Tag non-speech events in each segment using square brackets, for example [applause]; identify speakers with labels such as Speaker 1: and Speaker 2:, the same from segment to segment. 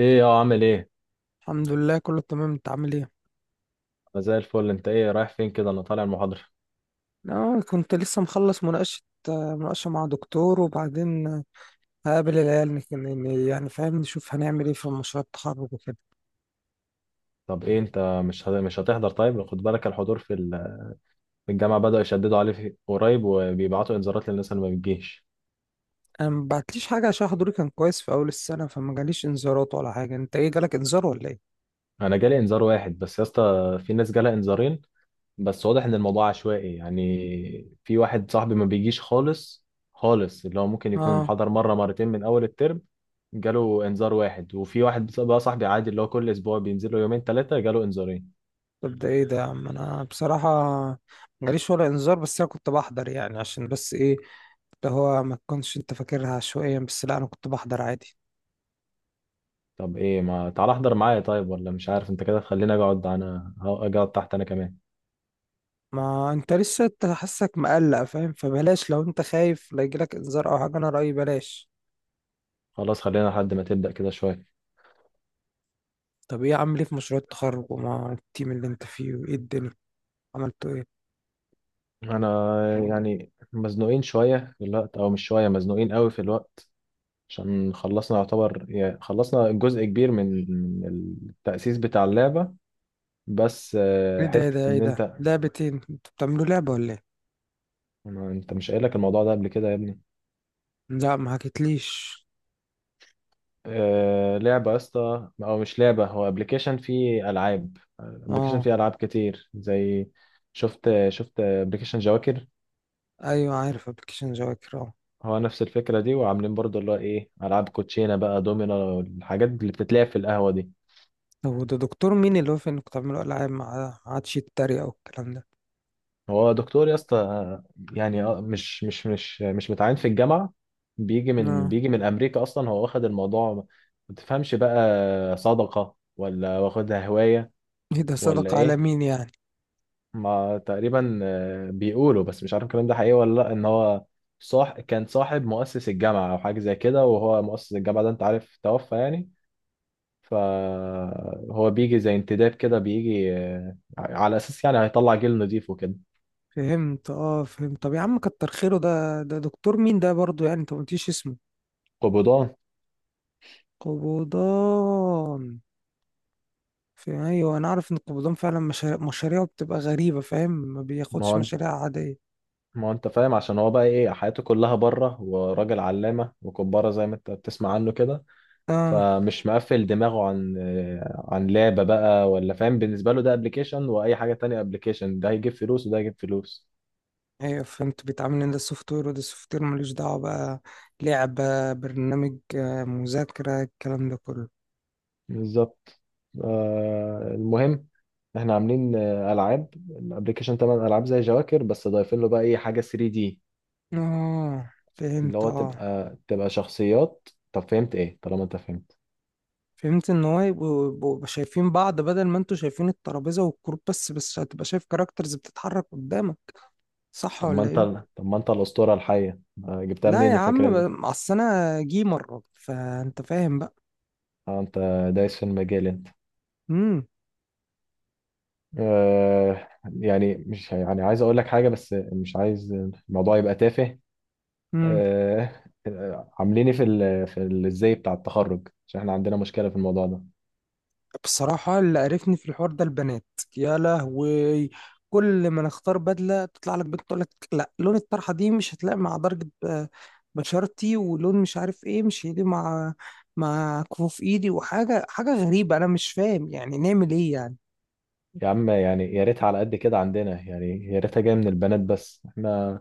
Speaker 1: ايه يا عامل ايه؟
Speaker 2: الحمد لله، كله تمام. انت عامل ايه؟
Speaker 1: انا زي الفل، انت ايه رايح فين كده؟ انا طالع المحاضره.
Speaker 2: اه، كنت لسه مخلص مناقشة مع دكتور، وبعدين هقابل العيال يعني فاهم، نشوف هنعمل ايه في مشروع التخرج وكده.
Speaker 1: طب ايه انت، مش هتحضر؟ طيب خد بالك الحضور في الجامعه بداوا يشددوا عليه قريب، وبيبعتوا انذارات للناس اللي ما بتجيش.
Speaker 2: انا ما بعتليش حاجة عشان حضوري كان كويس في اول السنة، فما جاليش انذارات ولا حاجة. انت ايه، جالك انذار ولا ايه؟
Speaker 1: انا جالي انذار واحد بس يا اسطى، في ناس جالها انذارين، بس واضح ان الموضوع عشوائي. يعني في واحد صاحبي ما بيجيش خالص، اللي هو ممكن يكون
Speaker 2: اه.
Speaker 1: حضر مره مرتين من اول الترم جاله انذار واحد، وفي واحد بقى صاحبي عادي اللي هو كل اسبوع بينزل له يومين ثلاثه جاله انذارين.
Speaker 2: طب ده ايه ده يا عم؟ انا بصراحة ما جاليش ولا انذار، بس انا كنت بحضر يعني عشان بس ايه اللي هو ما تكونش انت فاكرها عشوائيا، بس لا انا كنت بحضر عادي.
Speaker 1: طب ايه، ما تعال احضر معايا. طيب ولا مش عارف، انت كده خليني اقعد انا، اقعد تحت انا كمان.
Speaker 2: ما انت لسه انت حاسك مقلق فاهم، فبلاش. لو انت خايف لا يجيلك انذار او حاجه، انا رايي بلاش.
Speaker 1: خلاص خلينا لحد ما تبدأ كده شوية.
Speaker 2: طب ايه، عامل ايه في مشروع التخرج ومع التيم اللي انت فيه، وايه الدنيا عملتوا ايه؟
Speaker 1: انا يعني مزنوقين شوية في الوقت، او مش شوية، مزنوقين قوي في الوقت، عشان خلصنا يعتبر، يعني خلصنا جزء كبير من من التأسيس بتاع اللعبة. بس
Speaker 2: ايه ده، ايه
Speaker 1: حتة
Speaker 2: ده، ايه
Speaker 1: ان
Speaker 2: ده
Speaker 1: انت.
Speaker 2: لعبتين؟ انتوا بتعملوا لعبه ولا ايه؟
Speaker 1: انت مش قايل لك الموضوع ده قبل كده يا ابني؟
Speaker 2: لا، ما حكيتليش.
Speaker 1: لعبة يا اسطى، او مش لعبة، هو ابلكيشن
Speaker 2: اه،
Speaker 1: فيه العاب كتير زي، شفت ابلكيشن جواكر.
Speaker 2: ايوه عارف ابلكيشن جواكر، اه.
Speaker 1: هو نفس الفكرة دي، وعاملين برضه اللي هو ايه، العاب كوتشينة بقى، دومينو، الحاجات اللي بتتلعب في القهوة دي.
Speaker 2: طب وده دكتور مين اللي هو في انكم تعملوا العاب، ما عادش يتريق او الكلام ده؟
Speaker 1: هو دكتور يا اسطى، يعني مش متعين في الجامعة. بيجي من،
Speaker 2: اه.
Speaker 1: امريكا اصلا. هو واخد الموضوع، ما تفهمش بقى، صدقة ولا واخدها هواية
Speaker 2: ايه ده،
Speaker 1: ولا
Speaker 2: صدق على
Speaker 1: ايه.
Speaker 2: مين يعني؟
Speaker 1: ما تقريبا بيقولوا، بس مش عارف الكلام ده حقيقي ولا لا، ان هو صاح كان صاحب مؤسس الجامعة او حاجة زي كده، وهو مؤسس الجامعة ده انت عارف توفى يعني. فهو بيجي زي انتداب كده، بيجي على اساس يعني هيطلع جيل نضيف وكده.
Speaker 2: فهمت، اه فهمت. طب يا عم كتر خيره، ده دكتور مين ده برضو؟ يعني انت ما قلتيش اسمه.
Speaker 1: قبضان.
Speaker 2: قبضان؟ في، ايوه، انا عارف ان القبضان فعلا مشاريعه بتبقى غريبه فاهم، ما
Speaker 1: ما
Speaker 2: بياخدش
Speaker 1: هو انت-
Speaker 2: مشاريع عاديه.
Speaker 1: ما هو انت فاهم، عشان هو بقى ايه، حياته كلها بره، وراجل علامة وكبارة زي ما انت بتسمع عنه كده.
Speaker 2: اه،
Speaker 1: فمش مقفل دماغه عن، لعبة بقى ولا فاهم. بالنسبة له ده ابلكيشن وأي حاجة تانية ابلكيشن، ده هيجيب فلوس وده هيجيب فلوس.
Speaker 2: ايوه، فهمت. بيتعامل ان ده سوفت وير وده سوفت وير ملوش دعوه بقى، لعبه، برنامج، مذاكره، الكلام ده كله.
Speaker 1: بالظبط. آه، المهم احنا عاملين ألعاب الابلكيشن، طبعا ألعاب زي جواكر، بس ضايفين له بقى ايه، حاجة 3 دي،
Speaker 2: اه،
Speaker 1: اللي
Speaker 2: فهمت.
Speaker 1: هو
Speaker 2: اه،
Speaker 1: تبقى، شخصيات. طب فهمت ايه؟ طالما انت فهمت.
Speaker 2: فهمت ان هو يبقوا شايفين بعض، بدل ما انتوا شايفين الترابيزه والكروب بس هتبقى شايف كاركترز بتتحرك قدامك، صح
Speaker 1: طب ما
Speaker 2: ولا
Speaker 1: انت
Speaker 2: ايه؟
Speaker 1: طب ما انت الأسطورة الحية، جبتها
Speaker 2: لا
Speaker 1: منين
Speaker 2: يا
Speaker 1: الفكرة
Speaker 2: عم،
Speaker 1: دي؟
Speaker 2: اصل انا جيمر فانت فاهم بقى.
Speaker 1: اه، دايس في المجال انت.
Speaker 2: امم.
Speaker 1: آه، يعني مش يعني، عايز اقول لك حاجه بس مش عايز الموضوع يبقى تافه.
Speaker 2: مم.
Speaker 1: عامليني في ال، ازاي بتاع التخرج؟ عشان احنا عندنا مشكله في الموضوع ده.
Speaker 2: بصراحة اللي قرفني في الحوار ده البنات. يا لهوي. كل ما نختار بدلة تطلع لك بنت تقول لك لا، لون الطرحة دي مش هتلاقي مع درجة بشرتي، ولون مش عارف ايه مش هيلي مع كفوف ايدي، وحاجة حاجة غريبة. انا مش فاهم يعني نعمل ايه يعني.
Speaker 1: يا عم، يعني يا ريتها على قد كده عندنا، يعني يا ريتها جايه من البنات بس. احنا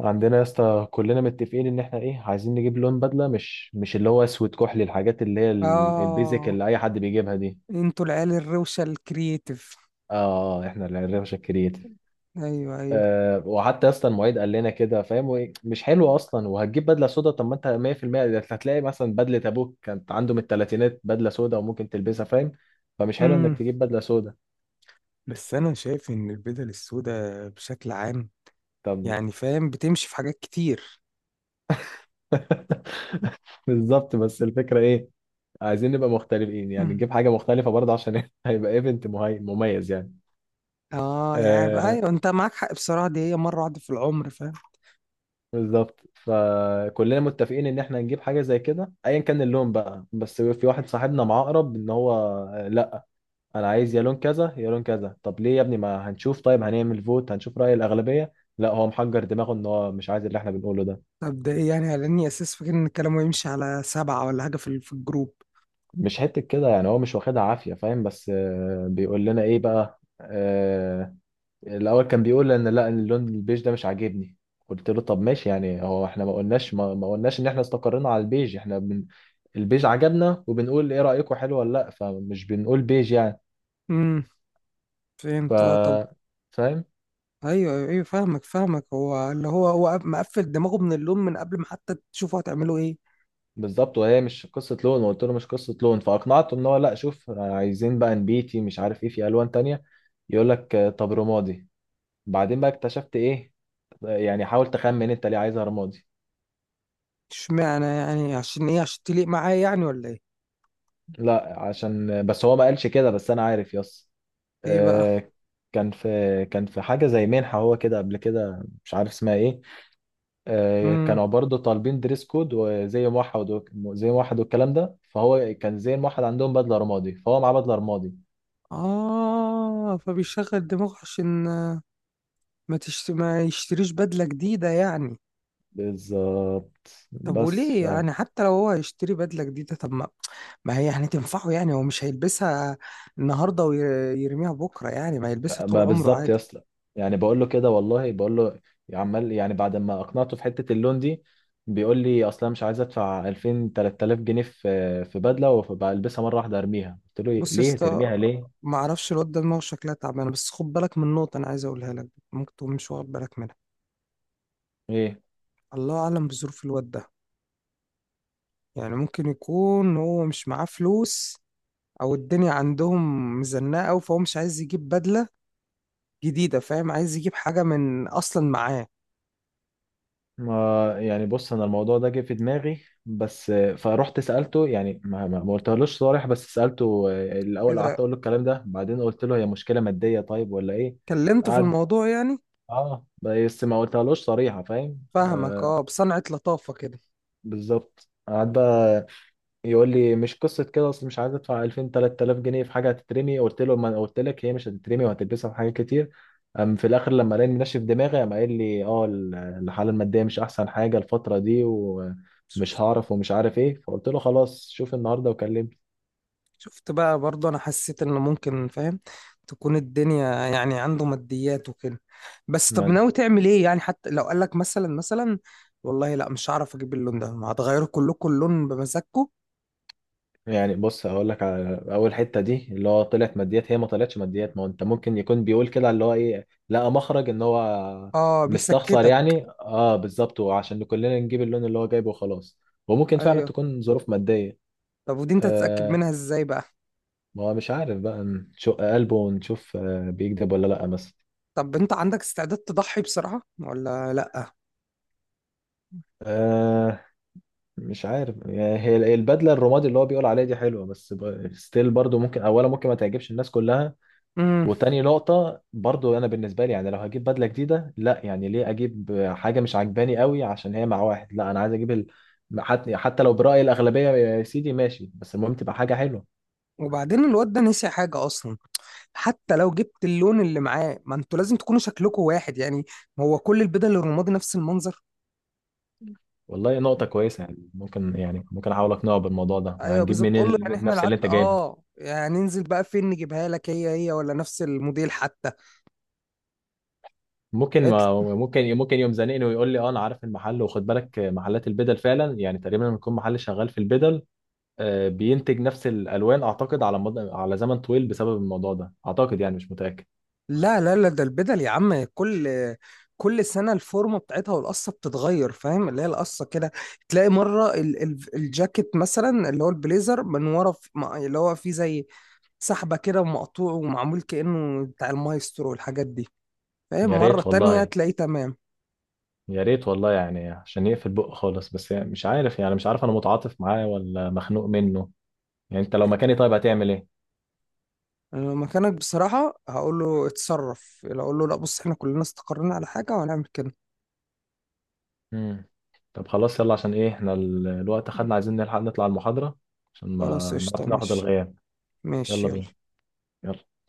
Speaker 1: عندنا يا اسطى كلنا متفقين ان احنا ايه، عايزين نجيب لون بدله مش اللي هو اسود، كحلي، الحاجات اللي هي البيزك
Speaker 2: اه،
Speaker 1: اللي اي حد بيجيبها دي.
Speaker 2: انتوا العيال الروشة الكرييتيف.
Speaker 1: اه، احنا اللي هنرفش.
Speaker 2: ايوه، ايوه.
Speaker 1: وحتى اصلا المعيد قال لنا كده فاهم، وإيه، مش حلو اصلا، وهتجيب بدله سودا؟ طب ما انت 100% ده هتلاقي مثلا بدله ابوك كانت عنده من الثلاثينات بدله سودا وممكن تلبسها فاهم. فمش حلو انك
Speaker 2: امم.
Speaker 1: تجيب بدله سودا.
Speaker 2: بس انا شايف ان البدل السوداء بشكل عام
Speaker 1: طب.
Speaker 2: يعني فاهم بتمشي في حاجات كتير.
Speaker 1: [laughs] بالظبط، بس الفكره ايه، عايزين نبقى مختلفين، يعني نجيب حاجه مختلفه برضه، عشان [laughs] هيبقى ايفنت مميز يعني.
Speaker 2: اه، يعني
Speaker 1: آه،
Speaker 2: ايوه، انت معاك حق بصراحه. دي هي مره واحده في العمر فاهم.
Speaker 1: بالظبط، فكلنا متفقين ان احنا نجيب حاجه زي كده ايا كان اللون بقى. بس في واحد صاحبنا معاه اقرب، ان هو انا عايز يا لون كذا يا لون كذا. طب ليه يا ابني، ما هنشوف، طيب هنعمل فوت، هنشوف رأي الأغلبية. لا هو محجر دماغه، ان هو مش عايز اللي احنا بنقوله ده.
Speaker 2: طب ده ايه يعني، لاني اساس فاكر ان الكلام يمشي على سبعه ولا حاجه في الجروب.
Speaker 1: مش حتة كده يعني، هو مش واخدها عافية فاهم، بس بيقول لنا ايه بقى، الأول كان بيقول ان لا، اللون البيج ده مش عاجبني. قلت له طب ماشي، يعني هو احنا ما قلناش، ما قلناش ان احنا استقرينا على البيج، احنا البيج عجبنا، وبنقول ايه رأيكم حلو ولا لا، فمش بنقول بيج يعني.
Speaker 2: امم،
Speaker 1: ف
Speaker 2: فهمت، اه. طب،
Speaker 1: فاهم.
Speaker 2: ايوه، ايوه، أيوة، فاهمك فاهمك. هو اللي هو هو مقفل دماغه من اللون من قبل ما حتى تشوفوا هتعملوا ايه.
Speaker 1: بالظبط، وهي مش قصه لون، وقلت له مش قصه لون. فاقنعته ان هو، لا شوف عايزين بقى نبيتي مش عارف ايه، في الوان تانية. يقول لك طب رمادي. بعدين بقى اكتشفت ايه، يعني حاول تخمن انت ليه عايزها رمادي.
Speaker 2: اشمعنى يعني، عشان ايه، عشان تليق معايا يعني ولا ايه؟
Speaker 1: لا عشان، بس هو ما قالش كده، بس انا عارف. يس،
Speaker 2: ايه بقى؟
Speaker 1: آه، كان في، حاجه زي منحه هو كده قبل كده مش عارف اسمها ايه.
Speaker 2: امم.
Speaker 1: كانوا برضه طالبين دريس كود وزي موحد، زي موحد والكلام ده، فهو كان زي موحد عندهم بدله رمادي، فهو معاه بدله رمادي.
Speaker 2: اه، فبيشغل دماغه عشان ما يشتريش بدله جديده يعني.
Speaker 1: بالظبط.
Speaker 2: طب
Speaker 1: بس
Speaker 2: وليه يعني، حتى لو هو هيشتري بدله جديده، طب ما هي يعني تنفعه. يعني هو مش هيلبسها النهارده ويرميها بكره، يعني ما هيلبسها طول
Speaker 1: بقى
Speaker 2: عمره
Speaker 1: بالظبط يا
Speaker 2: عادي.
Speaker 1: اسطى، يعني بقول له كده والله، بقول له، عمال يعني بعد ما اقنعته في حته اللون دي، بيقول لي اصلا مش عايز ادفع 2000 3000 جنيه في بدله وبلبسها مره واحده ارميها. قلت له إيه؟
Speaker 2: بص يا
Speaker 1: ليه
Speaker 2: اسطى،
Speaker 1: ترميها ليه؟
Speaker 2: ما اعرفش الواد ده دماغه شكلها تعبانه، بس خد بالك من نقطه انا عايز اقولها لك ممكن تكون مش واخد بالك منها.
Speaker 1: ايه؟
Speaker 2: الله اعلم بظروف الواد ده. يعني ممكن يكون هو مش معاه فلوس، او الدنيا عندهم مزنقه أوي فهو مش عايز يجيب بدله جديده فاهم، عايز يجيب حاجه من اصلا معاه.
Speaker 1: ما يعني بص، انا الموضوع ده جه في دماغي بس. فروحت سالته يعني، ما قلتهالوش صريح بس سالته. الاول قعدت
Speaker 2: كده،
Speaker 1: اقول له الكلام ده، بعدين قلت له هي مشكله ماديه طيب ولا ايه.
Speaker 2: كلمته في
Speaker 1: قعد،
Speaker 2: الموضوع يعني.
Speaker 1: اه، بس ما قلتهالوش صريحة فاهم.
Speaker 2: فاهمك،
Speaker 1: آه،
Speaker 2: اه، بصنعة لطافه كده.
Speaker 1: بالظبط. قعد بقى يقول لي مش قصة كده، اصل مش عايز ادفع 2000 3000 جنيه في حاجة هتترمي. قلت له ما أنا قلت لك هي مش هتترمي، وهتلبسها في حاجات كتير. أم في الاخر لما لقاني منشف دماغي، قام قايل لي اه، الحالة المادية مش احسن حاجة الفترة دي، ومش هعرف ومش عارف ايه. فقلت له خلاص، شوف النهاردة وكلمني.
Speaker 2: شفت بقى برضه، انا حسيت ان ممكن فاهم تكون الدنيا يعني عنده ماديات وكده. بس طب
Speaker 1: ما
Speaker 2: ناوي تعمل ايه يعني؟ حتى لو قال لك مثلا والله لا مش هعرف اجيب اللون ده، هتغيروا كلكم اللون بمزاجكم؟
Speaker 1: يعني بص، هقول لك على اول حته دي اللي هو طلعت ماديات، هي ما طلعتش ماديات، ما هو انت ممكن يكون بيقول كده، اللي هو ايه، لقى مخرج ان هو
Speaker 2: اه،
Speaker 1: مستخسر
Speaker 2: بيسكتك.
Speaker 1: يعني. اه بالظبط، وعشان كلنا نجيب اللون اللي هو جايبه وخلاص. وممكن فعلا
Speaker 2: ايوه.
Speaker 1: تكون ظروف ماديه.
Speaker 2: طب ودي انت تتأكد
Speaker 1: آه،
Speaker 2: منها ازاي بقى؟
Speaker 1: ما هو مش عارف بقى، نشق قلبه ونشوف آه بيكذب ولا لا مثلا.
Speaker 2: طب انت عندك استعداد تضحي بصراحة ولا لا؟
Speaker 1: آه، مش عارف يعني، هي البدله الرمادي اللي هو بيقول عليها دي حلوه، بس ستيل برضو، ممكن اولا ممكن ما تعجبش الناس كلها.
Speaker 2: امم.
Speaker 1: وتاني نقطة برضو، أنا بالنسبة لي يعني، لو هجيب بدلة جديدة، لا يعني ليه أجيب حاجة مش عاجباني قوي عشان هي مع واحد؟ لا، أنا عايز أجيب حتى لو برأي الأغلبية يا سيدي ماشي، بس المهم تبقى حاجة حلوة.
Speaker 2: وبعدين الواد ده نسي حاجة اصلا، حتى لو جبت اللون اللي معاه ما انتوا لازم تكونوا شكلكم واحد يعني. ما هو كل البدل الرمادي نفس المنظر.
Speaker 1: والله نقطة كويسة، يعني ممكن، يعني ممكن أحاول أقنعه بالموضوع ده، ما
Speaker 2: ايوه
Speaker 1: هنجيب
Speaker 2: بالظبط،
Speaker 1: منين
Speaker 2: تقول له يعني احنا
Speaker 1: نفس اللي
Speaker 2: العت
Speaker 1: أنت جايبها.
Speaker 2: اه، يعني ننزل بقى فين نجيبها لك، هي هي ولا نفس الموديل حتى.
Speaker 1: ممكن،
Speaker 2: قالت لي
Speaker 1: ممكن يوم زنقني ويقول لي أه أنا عارف المحل. وخد بالك محلات البدل فعلا يعني تقريبا، لما يكون محل شغال في البدل، بينتج نفس الألوان أعتقد على مدى، على زمن طويل، بسبب الموضوع ده أعتقد، يعني مش متأكد.
Speaker 2: لا، لا، لا، ده البدل يا عم كل سنه الفورمه بتاعتها والقصه بتتغير فاهم. اللي هي القصه كده، تلاقي مره ال ال الجاكيت مثلا اللي هو البليزر من ورا اللي هو فيه زي سحبه كده ومقطوع ومعمول كانه بتاع المايسترو والحاجات دي فاهم.
Speaker 1: يا
Speaker 2: مره
Speaker 1: ريت
Speaker 2: تانية
Speaker 1: والله،
Speaker 2: تلاقيه تمام.
Speaker 1: يا ريت والله، يعني عشان يقفل بق خالص بس. يعني مش عارف، انا متعاطف معاه ولا مخنوق منه. يعني انت لو مكاني طيب هتعمل ايه؟
Speaker 2: أنا مكانك بصراحة هقول له اتصرف، لو اقول له لا بص احنا كلنا استقرينا على حاجة وهنعمل كده.
Speaker 1: امم طب خلاص يلا، عشان ايه، احنا الوقت خدنا، عايزين نلحق نطلع المحاضرة عشان
Speaker 2: خلاص
Speaker 1: ما
Speaker 2: قشطة،
Speaker 1: نعرف ناخد
Speaker 2: ماشي.
Speaker 1: الغياب.
Speaker 2: ماشي،
Speaker 1: يلا
Speaker 2: يلا.
Speaker 1: بينا. يلا.